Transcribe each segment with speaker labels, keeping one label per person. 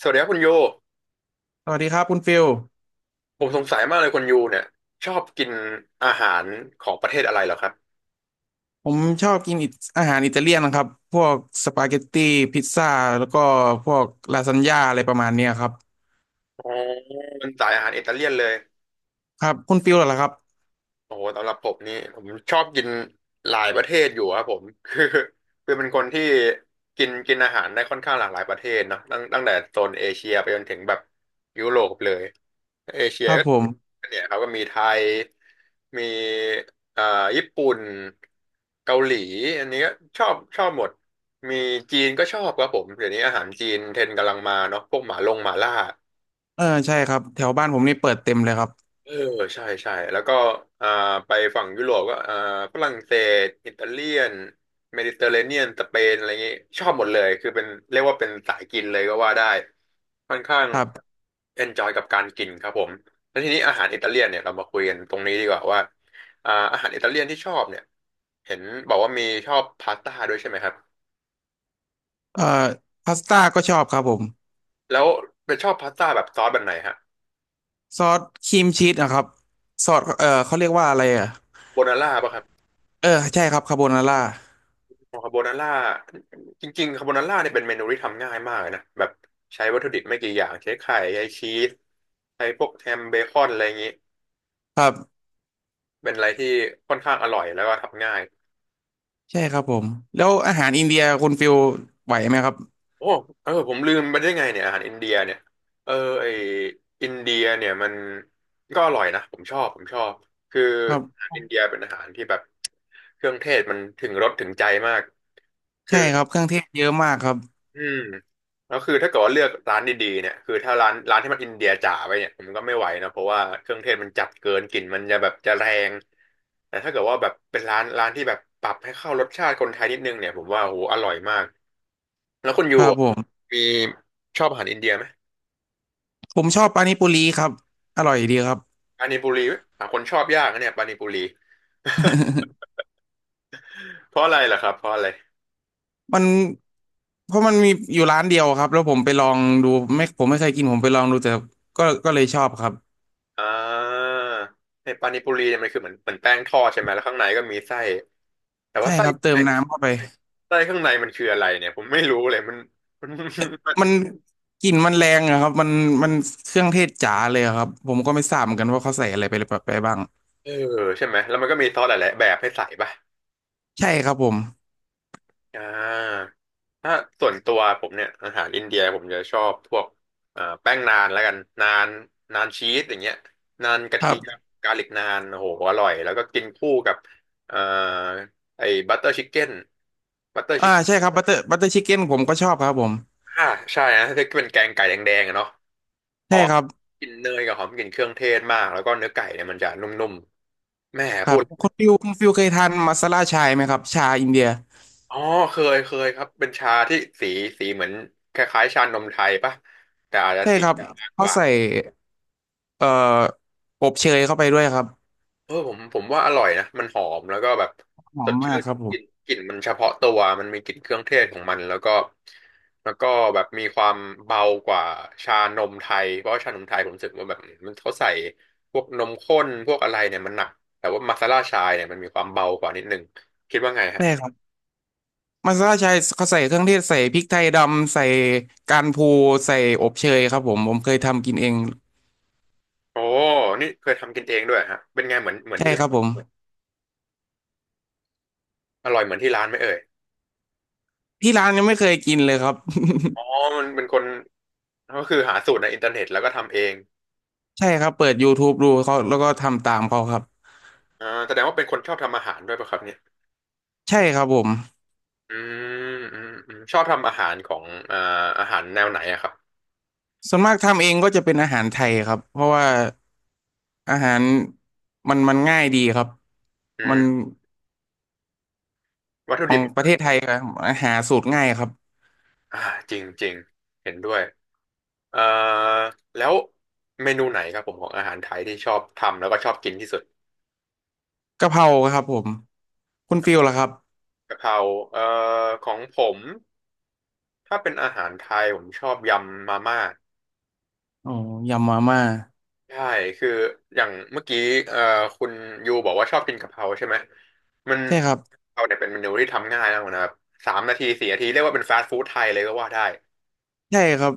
Speaker 1: สวัสดีครับคุณยู
Speaker 2: สวัสดีครับคุณฟิล
Speaker 1: ผมสงสัยมากเลยคุณยูเนี่ยชอบกินอาหารของประเทศอะไรเหรอครับ
Speaker 2: ผมชอบกินอาหารอิตาเลียนนะครับพวกสปาเกตตี้พิซซ่าแล้วก็พวกลาซานญ่าอะไรประมาณเนี้ยครับ
Speaker 1: อ๋อเป็นสายอาหารอิตาเลียนเลย
Speaker 2: ครับคุณฟิลเหรอครับ
Speaker 1: โอ้โหสำหรับผมนี่ผมชอบกินหลายประเทศอยู่ครับผม คือเป็นคนที่กินกินอาหารได้ค่อนข้างหลากหลายประเทศเนอะตั้งแต่โซนเอเชียไปจนถึงแบบยุโรปเลย เอเชี
Speaker 2: ค
Speaker 1: ย
Speaker 2: รับ
Speaker 1: ก
Speaker 2: ผม
Speaker 1: ็เนี่ยเขาก็มีไทย มีอ่าญี่ปุ่น เกาหลีอันนี้ก็ชอบหมด มีจีนก็ชอบครับผม เดี๋ยวนี้อาหารจีนเทรนด์กำลังมาเนาะพวกหมาล่า
Speaker 2: เออใช่ครับแถวบ้านผมนี่เปิดเต็มเลยครับ
Speaker 1: เออใช่ใช่แล้วก็อ่าไปฝั่งยุโรปก็ฝรั่งเศสอิตาเลียนเมดิเตอร์เรเนียนสเปนอะไรเงี้ยชอบหมดเลยคือเป็นเรียกว่าเป็นสายกินเลยก็ว่าได้ค่อนข้าง
Speaker 2: ครับ
Speaker 1: เอนจอยกับการกินครับผมแล้วทีนี้อาหารอิตาเลียนเนี่ยเรามาคุยกันตรงนี้ดีกว่าว่าอาหารอิตาเลียนที่ชอบเนี่ยเห็นบอกว่ามีชอบพาสต้าด้วยใช่ไหมครับ
Speaker 2: เอ่อพาสต้าก็ชอบครับผม
Speaker 1: แล้วเป็นชอบพาสต้าแบบซอสแบบไหนฮะ
Speaker 2: ซอสครีมชีสนะครับซอสเขาเรียกว่าอะไรอ่ะ
Speaker 1: โบนาร่าป่ะครับ
Speaker 2: เออใช่ครับคาโบนาร่า
Speaker 1: คาโบนาร่าจริงๆคาโบนาร่าเนี่ยเป็นเมนูที่ทำง่ายมากเลยนะแบบใช้วัตถุดิบไม่กี่อย่างใช้ไข่ใช้ชีสใช้พวกแฮมเบคอนอะไรอย่างนี้
Speaker 2: ครับ
Speaker 1: เป็นอะไรที่ค่อนข้างอร่อยแล้วก็ทำง่าย
Speaker 2: ใช่ครับผมแล้วอาหารอินเดียคุณฟิลไหวไหมครับ
Speaker 1: โอ้เออผมลืมไปได้ไงเนี่ยอาหารอินเดียเนี่ยเออไออินเดียเนี่ยมันก็อร่อยนะผมชอบคือ
Speaker 2: ครั
Speaker 1: อาหา
Speaker 2: บ
Speaker 1: รอินเดียเป็นอาหารที่แบบเครื่องเทศมันถึงรสถึงใจมากคือ
Speaker 2: ใช่ครับเครื่องเทศเยอะมากครับ
Speaker 1: อืมแล้วคือถ้าเกิดว่าเลือกร้านดีๆเนี่ยคือถ้าร้านที่มันอินเดียจ๋าไปเนี่ยผมก็ไม่ไหวนะเพราะว่าเครื่องเทศมันจัดเกินกลิ่นมันจะแบบจะแรงแต่ถ้าเกิดว่าแบบเป็นร้านที่แบบปรับให้เข้ารสชาติคนไทยนิดนึงเนี่ยผมว่าโหอร่อยมากแล้วคุณยู
Speaker 2: ครับ
Speaker 1: อะ
Speaker 2: ผม
Speaker 1: มีชอบอาหารอินเดียไหม
Speaker 2: ผมชอบปานิปุรีครับอร่อยดีครับ
Speaker 1: ปานิปุรีไหมหาคนชอบยากนะเนี่ยปานิปุรี เพราะอะไรล่ะครับเพราะอะไร
Speaker 2: มันเพราะมันมีอยู่ร้านเดียวครับแล้วผมไปลองดูไม่ผมไม่เคยกินผมไปลองดูแต่ก็เลยชอบครับ
Speaker 1: อ่าในปานิปุรีเนี่ยมันคือเหมือนแป้งทอดใช่ไหมแล้วข้างในก็มีไส้แต่
Speaker 2: ใช่
Speaker 1: ว่าไส้
Speaker 2: ครับเติมน้ำเข้าไป
Speaker 1: ไส้ข้างในมันคืออะไรเนี่ยผมไม่รู้เลยมันมัน
Speaker 2: มันกลิ่นมันแรงอะครับมันมันเครื่องเทศจ๋าเลยอะครับผมก็ไม่ทราบเหมือนกันว่าเขาใส่อะไรไปบ้าง
Speaker 1: เออใช่ไหมแล้วมันก็มีซอสหลายๆแบบให้ใส่ป่ะ
Speaker 2: ใช่ครับผม
Speaker 1: อ่าถ้าส่วนตัวผมเนี่ยอาหารอินเดียผมจะชอบพวกแป้งนานแล้วกันนานนานชีสอย่างเงี้ยนานกระ
Speaker 2: ค
Speaker 1: เที
Speaker 2: รั
Speaker 1: ยม
Speaker 2: บ
Speaker 1: กาลิกนานโอ้โหอร่อยแล้วก็กินคู่กับเอ่อไอ้บัตเตอร์ชิคเก้นบัตเตอร์
Speaker 2: อ่า
Speaker 1: ชิค
Speaker 2: ใช่ครับบัตเตอร์ชิคเก้นผมก็ชอบครับผม
Speaker 1: อ่าใช่นะที่เป็นแกงไก่แดงๆอะเนาะห
Speaker 2: ใช่
Speaker 1: อม
Speaker 2: ครับ
Speaker 1: กลิ่นเนยกับหอมกลิ่นเครื่องเทศมากแล้วก็เนื้อไก่เนี่ยมันจะนุ่มๆแม่
Speaker 2: ค
Speaker 1: พู
Speaker 2: รับ
Speaker 1: ด
Speaker 2: คุณฟิวคุณฟิวเคยทานมาซาล่าชายไหมครับชาอินเดีย
Speaker 1: อ๋อเคยครับเป็นชาที่สีสีเหมือนคล้ายๆชานมไทยปะแต่อาจจะ
Speaker 2: ใช่
Speaker 1: สี
Speaker 2: ครับ
Speaker 1: มากก
Speaker 2: เขา
Speaker 1: ว่า
Speaker 2: ใส่ เอ่ออบเชยเข้าไปด้วยครับ
Speaker 1: เออผมว่าอร่อยนะมันหอมแล้วก็แบบ
Speaker 2: หอ
Speaker 1: ส
Speaker 2: ม
Speaker 1: ดชื่
Speaker 2: มาก
Speaker 1: น
Speaker 2: ครับผ
Speaker 1: ก
Speaker 2: ม
Speaker 1: ลิ่นกลิ่นมันเฉพาะตัวมันมีกลิ่นเครื่องเทศของมันแล้วก็แบบมีความเบากว่าชานมไทยเพราะว่าชานมไทยผมรู้สึกว่าแบบมันเขาใส่พวกนมข้นพวกอะไรเนี่ยมันหนักแต่ว่ามาซาล่าชายเนี่ยมันมีความเบากว่านิดนึงคิดว่าไงฮะ
Speaker 2: ใช่ครับมัสตาร์ดใช้เขาใส่เครื่องเทศใส่พริกไทยดำใส่การพูใส่อบเชยครับผมผมเคยทำกินเอง
Speaker 1: โอ้นี่เคยทำกินเองด้วยฮะเป็นไงเหมือน
Speaker 2: ใช่
Speaker 1: ที่
Speaker 2: ค
Speaker 1: ร้า
Speaker 2: รับ
Speaker 1: น
Speaker 2: ผม
Speaker 1: อร่อยเหมือนที่ร้านไหมเอ่ย
Speaker 2: ที่ร้านยังไม่เคยกินเลยครับ
Speaker 1: อ๋อมันเป็นคนก็คือหาสูตรในอินเทอร์เน็ตแล้วก็ทำเอง
Speaker 2: ใช่ครับเปิดย o ทูบ b e ดูเขาแล้วก็ทำตามเขาครับ
Speaker 1: แสดงว่าเป็นคนชอบทำอาหารด้วยป่ะครับเนี่ย
Speaker 2: ใช่ครับผม
Speaker 1: อืชอบทำอาหารของอ่าอาหารแนวไหนอะครับ
Speaker 2: ส่วนมากทำเองก็จะเป็นอาหารไทยครับเพราะว่าอาหารมันง่ายดีครับ
Speaker 1: อื
Speaker 2: มัน
Speaker 1: มวัตถุ
Speaker 2: ขอ
Speaker 1: ดิ
Speaker 2: ง
Speaker 1: บ
Speaker 2: ประเทศไทยครับหาสูตรง่ายครับ
Speaker 1: อ่าจริงจริงเห็นด้วยเอ่อแล้วเมนูไหนครับผมของอาหารไทยที่ชอบทำแล้วก็ชอบกินที่สุด
Speaker 2: กะเพราครับผมคุณฟิลล่ะครับ
Speaker 1: กะเพราเอ่อของผมถ้าเป็นอาหารไทยผมชอบยำมาม่า
Speaker 2: อ๋อยำมาม่า
Speaker 1: ใช่คืออย่างเมื่อกี้เอ่อคุณยูบอกว่าชอบกินกะเพราใช่ไหมมัน
Speaker 2: ใช่ครับ
Speaker 1: กะเพราเนี่ยเป็นเมนูที่ทำง่ายมากนะครับสามนาทีสี่นาทีเรียกว่าเป็นฟาสต์ฟู้ดไทยเลยก็ว่าได้
Speaker 2: ใช่ครับ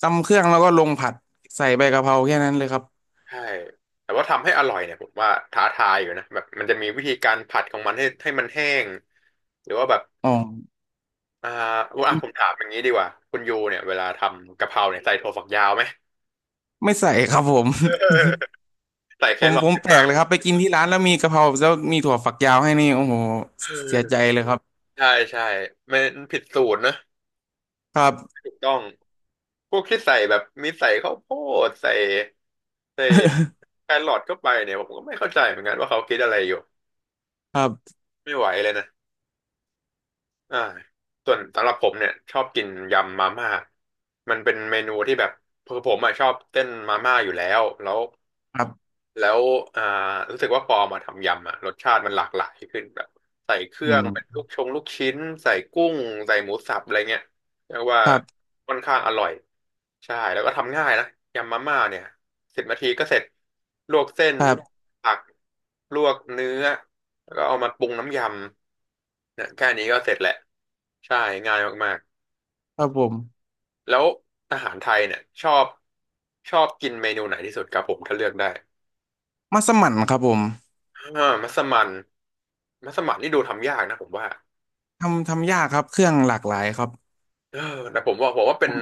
Speaker 2: ตำเครื่องแล้วก็ลงผัดใส่ใบกะเพราแค่นั้นเลยครับ
Speaker 1: ใช่แต่ว่าทำให้อร่อยเนี่ยผมว่าท้าทายอยู่นะแบบมันจะมีวิธีการผัดของมันให้มันแห้งหรือว่าแบบ
Speaker 2: อ๋อ
Speaker 1: อ่าว่า
Speaker 2: ไม่
Speaker 1: ผมถามอย่างนี้ดีกว่าคุณยูเนี่ยเวลาทำกะเพราเนี่ยใส่ถั่วฝักยาวไหม
Speaker 2: ไม่ใส่ครับผม
Speaker 1: ใส่แค
Speaker 2: ผม
Speaker 1: รอ
Speaker 2: ผม
Speaker 1: ท
Speaker 2: แปลกเลยครับไปกินที่ร้านแล้วมีกะเพราแล้วมีถั่วฝักยาวให้นี่โอ้โห
Speaker 1: เอ
Speaker 2: เสียใจ
Speaker 1: อ
Speaker 2: เลยครับ
Speaker 1: ใช่ใช่ไม่ผิดสูตรนะ
Speaker 2: ครับ
Speaker 1: ถูกต้อง พวกที่ใส่แบบมีใส่ข้าวโพดใส่ใส่แครอทเข้าไปเนี่ยผมก็ไม่เข้าใจเหมือนกันว่าเขาคิดอะไรอยู่
Speaker 2: ครับ
Speaker 1: ไม่ไหวเลยนะอ่าส่วนสำหรับผมเนี่ยชอบกินยำมาม่ามันเป็นเมนูที่แบบคือผมอะชอบเต้นมาม่าอยู่แล้วแล้ว
Speaker 2: ครับ
Speaker 1: แล้วอ่ารู้สึกว่าพอมาทำยำอ่ะรสชาติมันหลากหลายขึ้นแบบใส่เครื่
Speaker 2: อื
Speaker 1: องเป็น
Speaker 2: ม
Speaker 1: ลูกชิ้นใส่กุ้งใส่หมูสับอะไรเงี้ยเรียกว่า
Speaker 2: ครับ
Speaker 1: ค่อนข้างอร่อยใช่แล้วก็ทำง่ายนะยำมาม่าเนี่ยสิบนาทีก็เสร็จลวกเส้น
Speaker 2: ค
Speaker 1: ล
Speaker 2: รั
Speaker 1: วก
Speaker 2: บ
Speaker 1: ผักลวกเนื้อแล้วก็เอามาปรุงน้ำยำเนี่ยแค่นี้ก็เสร็จแหละใช่ง่ายมาก
Speaker 2: ครับผม
Speaker 1: ๆแล้วอาหารไทยเนี่ยชอบชอบกินเมนูไหนที่สุดครับผมถ้าเลือกได้
Speaker 2: มัสมั่นครับผม
Speaker 1: อ่ามัสมั่นมัสมั่นนี่ดูทำยากนะผมว่า
Speaker 2: ทำยากครับเครื่องหลากหลายครับ
Speaker 1: เออแต่ผมว่าเป็น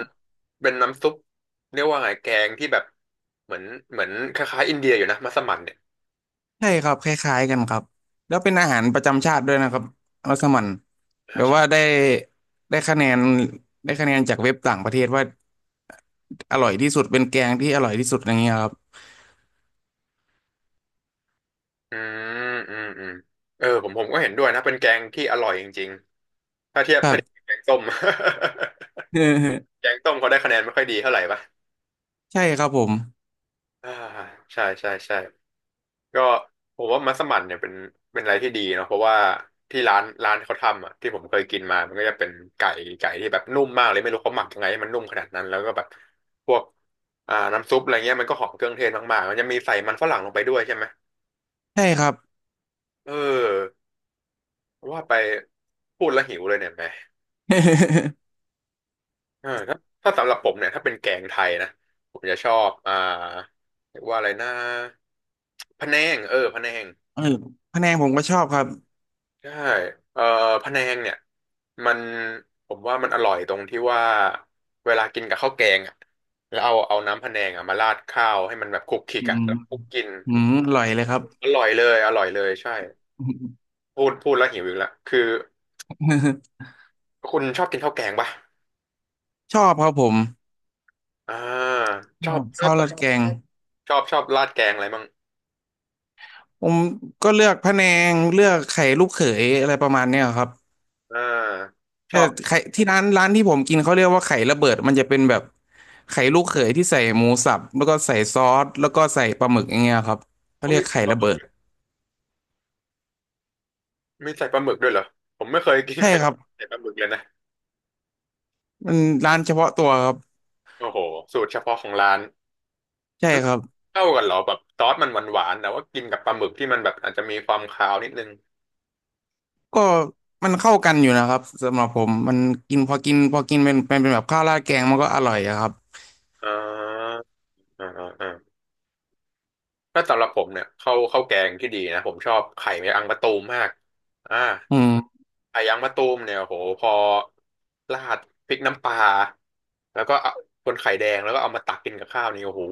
Speaker 1: เป็นน้ำซุปเรียกว่าไงแกงที่แบบเหมือนเหมือนคล้ายๆอินเดียอยู่นะมัสมั่นเนี่ย
Speaker 2: ใช่ครับคล้ายๆกันครับแล้วเป็นอาหารประจำชาติด้วยนะครับมัสมั่น
Speaker 1: อ่า
Speaker 2: แบบ
Speaker 1: ใช่
Speaker 2: ว่าได้ได้คะแนนได้คะแนนจากเว็บต่างประเทศว่าอร่อยที่สุดเป็นแกงที่อร่อยที่สุดอย่างเงี้ยครับ
Speaker 1: อืมอืมอืมเออผมก็เห็นด้วยนะเป็นแกงที่อร่อยจริงๆ
Speaker 2: ครั
Speaker 1: ถ้า
Speaker 2: บ
Speaker 1: เทียบกับแกงส้ม แกงต้มเขาได้คะแนนไม่ค่อยดีเท่าไหร่ปะ
Speaker 2: ใช่ครับผม
Speaker 1: อ่าใช่ใช่ใช่ ก็ผมว่ามัสมั่นเนี่ยเป็นเป็นอะไรที่ดีเนาะเพราะว่าที่ร้านเขาทำอ่ะที่ผมเคยกินมามันก็จะเป็นไก่ไก่ที่แบบนุ่มมากเลยไม่รู้เขาหมักยังไงให้มันนุ่มขนาดนั้นแล้วก็แบบพวกน้ำซุปอะไรเงี้ยมันก็หอมเครื่องเทศมากๆมันจะมีใส่มันฝรั่งลงไปด้วยใช่ไหม
Speaker 2: ใช่ครับ
Speaker 1: เออว่าไปพูดแล้วหิวเลยเนี่ยแหม เออถ้าถ้าสำหรับผมเนี่ยถ้าเป็นแกงไทยนะผมจะชอบเรียกว่าอะไรนะพะแนงเออพะแนง
Speaker 2: เออพะแนงผมก็ชอบครับ
Speaker 1: ใช่เอ่อพะแนงเนี่ยมันผมว่ามันอร่อยตรงที่ว่าเวลากินกับข้าวแกงอ่ะแล้วเอาน้ำพะแนงอ่ะมาราดข้าวให้มันแบบคลุกคลิก
Speaker 2: อื
Speaker 1: อ่ะ
Speaker 2: ม
Speaker 1: แล้วคลุกกิน
Speaker 2: อืมอร่อยเลยครับ
Speaker 1: อร่อยเลยอร่อยเลยใช่พูดแล้วหิวอีกแลวคือ คุณชอบกินข้าวแกงป่ะ
Speaker 2: ชอบครับผม
Speaker 1: อ่าช
Speaker 2: ช
Speaker 1: อ
Speaker 2: อ
Speaker 1: บ
Speaker 2: บ
Speaker 1: ชอ
Speaker 2: ข้า
Speaker 1: บ
Speaker 2: วราดแกง
Speaker 1: ชอบชอบราดแกงอะไรมั่ง
Speaker 2: ผมก็เลือกพะแนงเลือกไข่ลูกเขยอะไรประมาณเนี้ยครับ
Speaker 1: อ่าช
Speaker 2: แต่
Speaker 1: อบ
Speaker 2: ไข่ที่ร้านที่ผมกินเขาเรียกว่าไข่ระเบิดมันจะเป็นแบบไข่ลูกเขยที่ใส่หมูสับแล้วก็ใส่ซอสแล้วก็ใส่ปลาหมึกอย่างเงี้ยครับเขา
Speaker 1: ต้อง
Speaker 2: เรีย
Speaker 1: มี
Speaker 2: ก
Speaker 1: ใส่
Speaker 2: ไข่
Speaker 1: ปลา
Speaker 2: ระ
Speaker 1: หมึ
Speaker 2: เบิ
Speaker 1: ก
Speaker 2: ด
Speaker 1: ด้วยมีใส่ปลาหมึกด้วยเหรอผมไม่เคยกิน
Speaker 2: ใช่
Speaker 1: ไข่
Speaker 2: ครับ
Speaker 1: ใส่ปลาหมึกเลยนะ
Speaker 2: มันร้านเฉพาะตัวครับ
Speaker 1: โอ้โหสูตรเฉพาะของร้าน
Speaker 2: ใช่ครับ
Speaker 1: เข้ากันเหรอแบบซอสมันหวานๆแต่ว่ากินกับปลาหมึกที่มันแบบอาจจะมีความคาวนิดนึง
Speaker 2: ก็มันเข้ากันอยู่นะครับสำหรับผมมันกินพอกินเป็นแบบข้าวราดแกงมันก็อร่อยอะครับ
Speaker 1: อ่าอ่าอ่าอ่าถ้าสำหรับผมเนี่ยข้าวแกงที่ดีนะผมชอบไข่แมงอังมะตูมมากอ่า
Speaker 2: อืม
Speaker 1: ไข่แมงอังมะตูมเนี่ยโหพอราดพริกน้ำปลาแล้วก็เอาคนไข่แดงแล้วก็เอามาตักกินกับข้าวนี่โอ้โห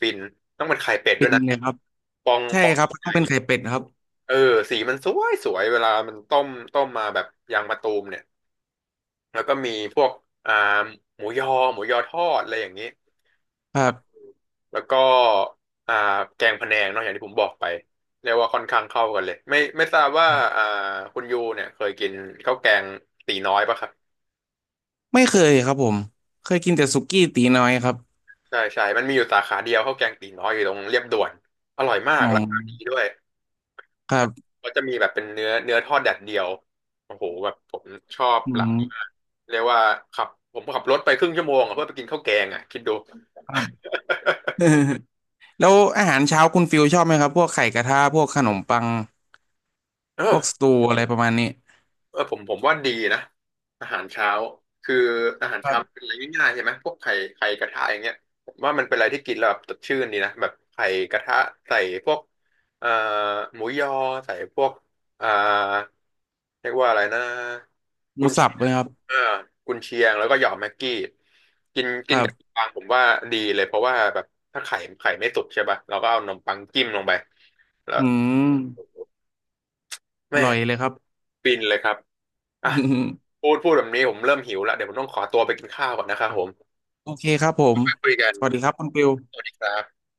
Speaker 1: ฟินต้องเป็นไข่เป็ด
Speaker 2: ฟิ
Speaker 1: ด้วย
Speaker 2: น
Speaker 1: นะ
Speaker 2: เลยครับ
Speaker 1: ฟอง
Speaker 2: ใช่
Speaker 1: ฟอง
Speaker 2: ครับ
Speaker 1: ให
Speaker 2: ต้อ
Speaker 1: ญ่
Speaker 2: งเป็นไข่เป็ดครับ
Speaker 1: เออสีมันสวยสวยเวลามันต้มต้มมาแบบยางมะตูมเนี่ย แล้วก็มีพวกอ่าหมูยอหมูยอทอดอะไรอย่างนี้
Speaker 2: ครับ
Speaker 1: แล้วก็อ่าแกงพะแนงเนอะอย่างที่ผมบอกไปเรียกว่าค่อนข้างเข้ากันเลยไม่ทราบว่า
Speaker 2: ครับ
Speaker 1: อ่าคุณยูเนี่ยเคยกินข้าวแกงตีน้อยปะครับ
Speaker 2: ไม่เคยครับผมเคยกินแต่สุกี้ตีน้อยครับ
Speaker 1: ใช่ใช่มันมีอยู่สาขาเดียวข้าวแกงตีน้อยอยู่ตรงเรียบด่วนอร่อยมาก
Speaker 2: อ๋อ
Speaker 1: ราคาดีด้วย
Speaker 2: ครั
Speaker 1: ใช่
Speaker 2: บ
Speaker 1: ก็จะมีแบบเป็นเนื้อเนื้อทอดแดดเดียวโอ้โหแบบผมชอบ
Speaker 2: อื
Speaker 1: ร้านนี้มาก
Speaker 2: ม
Speaker 1: เรียกว่าขับผมขับรถไปครึ่งชั่วโมงอะเพื่อไปกินข้าวแกงอ่ะคิดดู
Speaker 2: ครับ แล้วอาหารเช้าคุณฟิลชอบไหมครับพวกไข่กระทะพวกขนมปัง
Speaker 1: เอ
Speaker 2: พ
Speaker 1: อ
Speaker 2: วกสตูอะไรประมาณนี้
Speaker 1: เออผมว่าดีนะอาหารเช้าคืออาหาร
Speaker 2: ครั
Speaker 1: เช้ามัน
Speaker 2: บ
Speaker 1: เป็นอะไรง่ายๆใช่ไหมพวกไข่ไข่กระทะอย่างเงี้ยผมว่ามันเป็นอะไรที่กินแล้วแบบสดชื่นดีนะแบบไข่กระทะใส่พวกเอ่อหมูยอใส่พวกเอ่อเรียกว่าอะไรนะ
Speaker 2: ห
Speaker 1: กุ
Speaker 2: มู
Speaker 1: น
Speaker 2: สั
Speaker 1: เชี
Speaker 2: บ
Speaker 1: ย
Speaker 2: ไหม
Speaker 1: ง
Speaker 2: ครับ
Speaker 1: เออกุนเชียงแล้วก็หยอดแม็กกี้กิน
Speaker 2: ค
Speaker 1: กิน
Speaker 2: รั
Speaker 1: กับนม
Speaker 2: บ
Speaker 1: ปังผมว่าดีเลยเพราะว่าแบบถ้าไข่ไข่ไม่สุกใช่ป่ะเราก็เอานมปังจิ้มลงไปแล้ว
Speaker 2: อืมอ
Speaker 1: แม่
Speaker 2: ร่อยเลยครับ
Speaker 1: ฟินเลยครับอ่ะ พูดแบบนี้ผมเริ่มหิวละเดี๋ยวผมต้องขอตัวไปกินข้าวก่อนนะครับผม
Speaker 2: โอเคครับผม
Speaker 1: ไปคุยกัน
Speaker 2: สวัสดีครับคุณฟิล
Speaker 1: สวัสดีครับ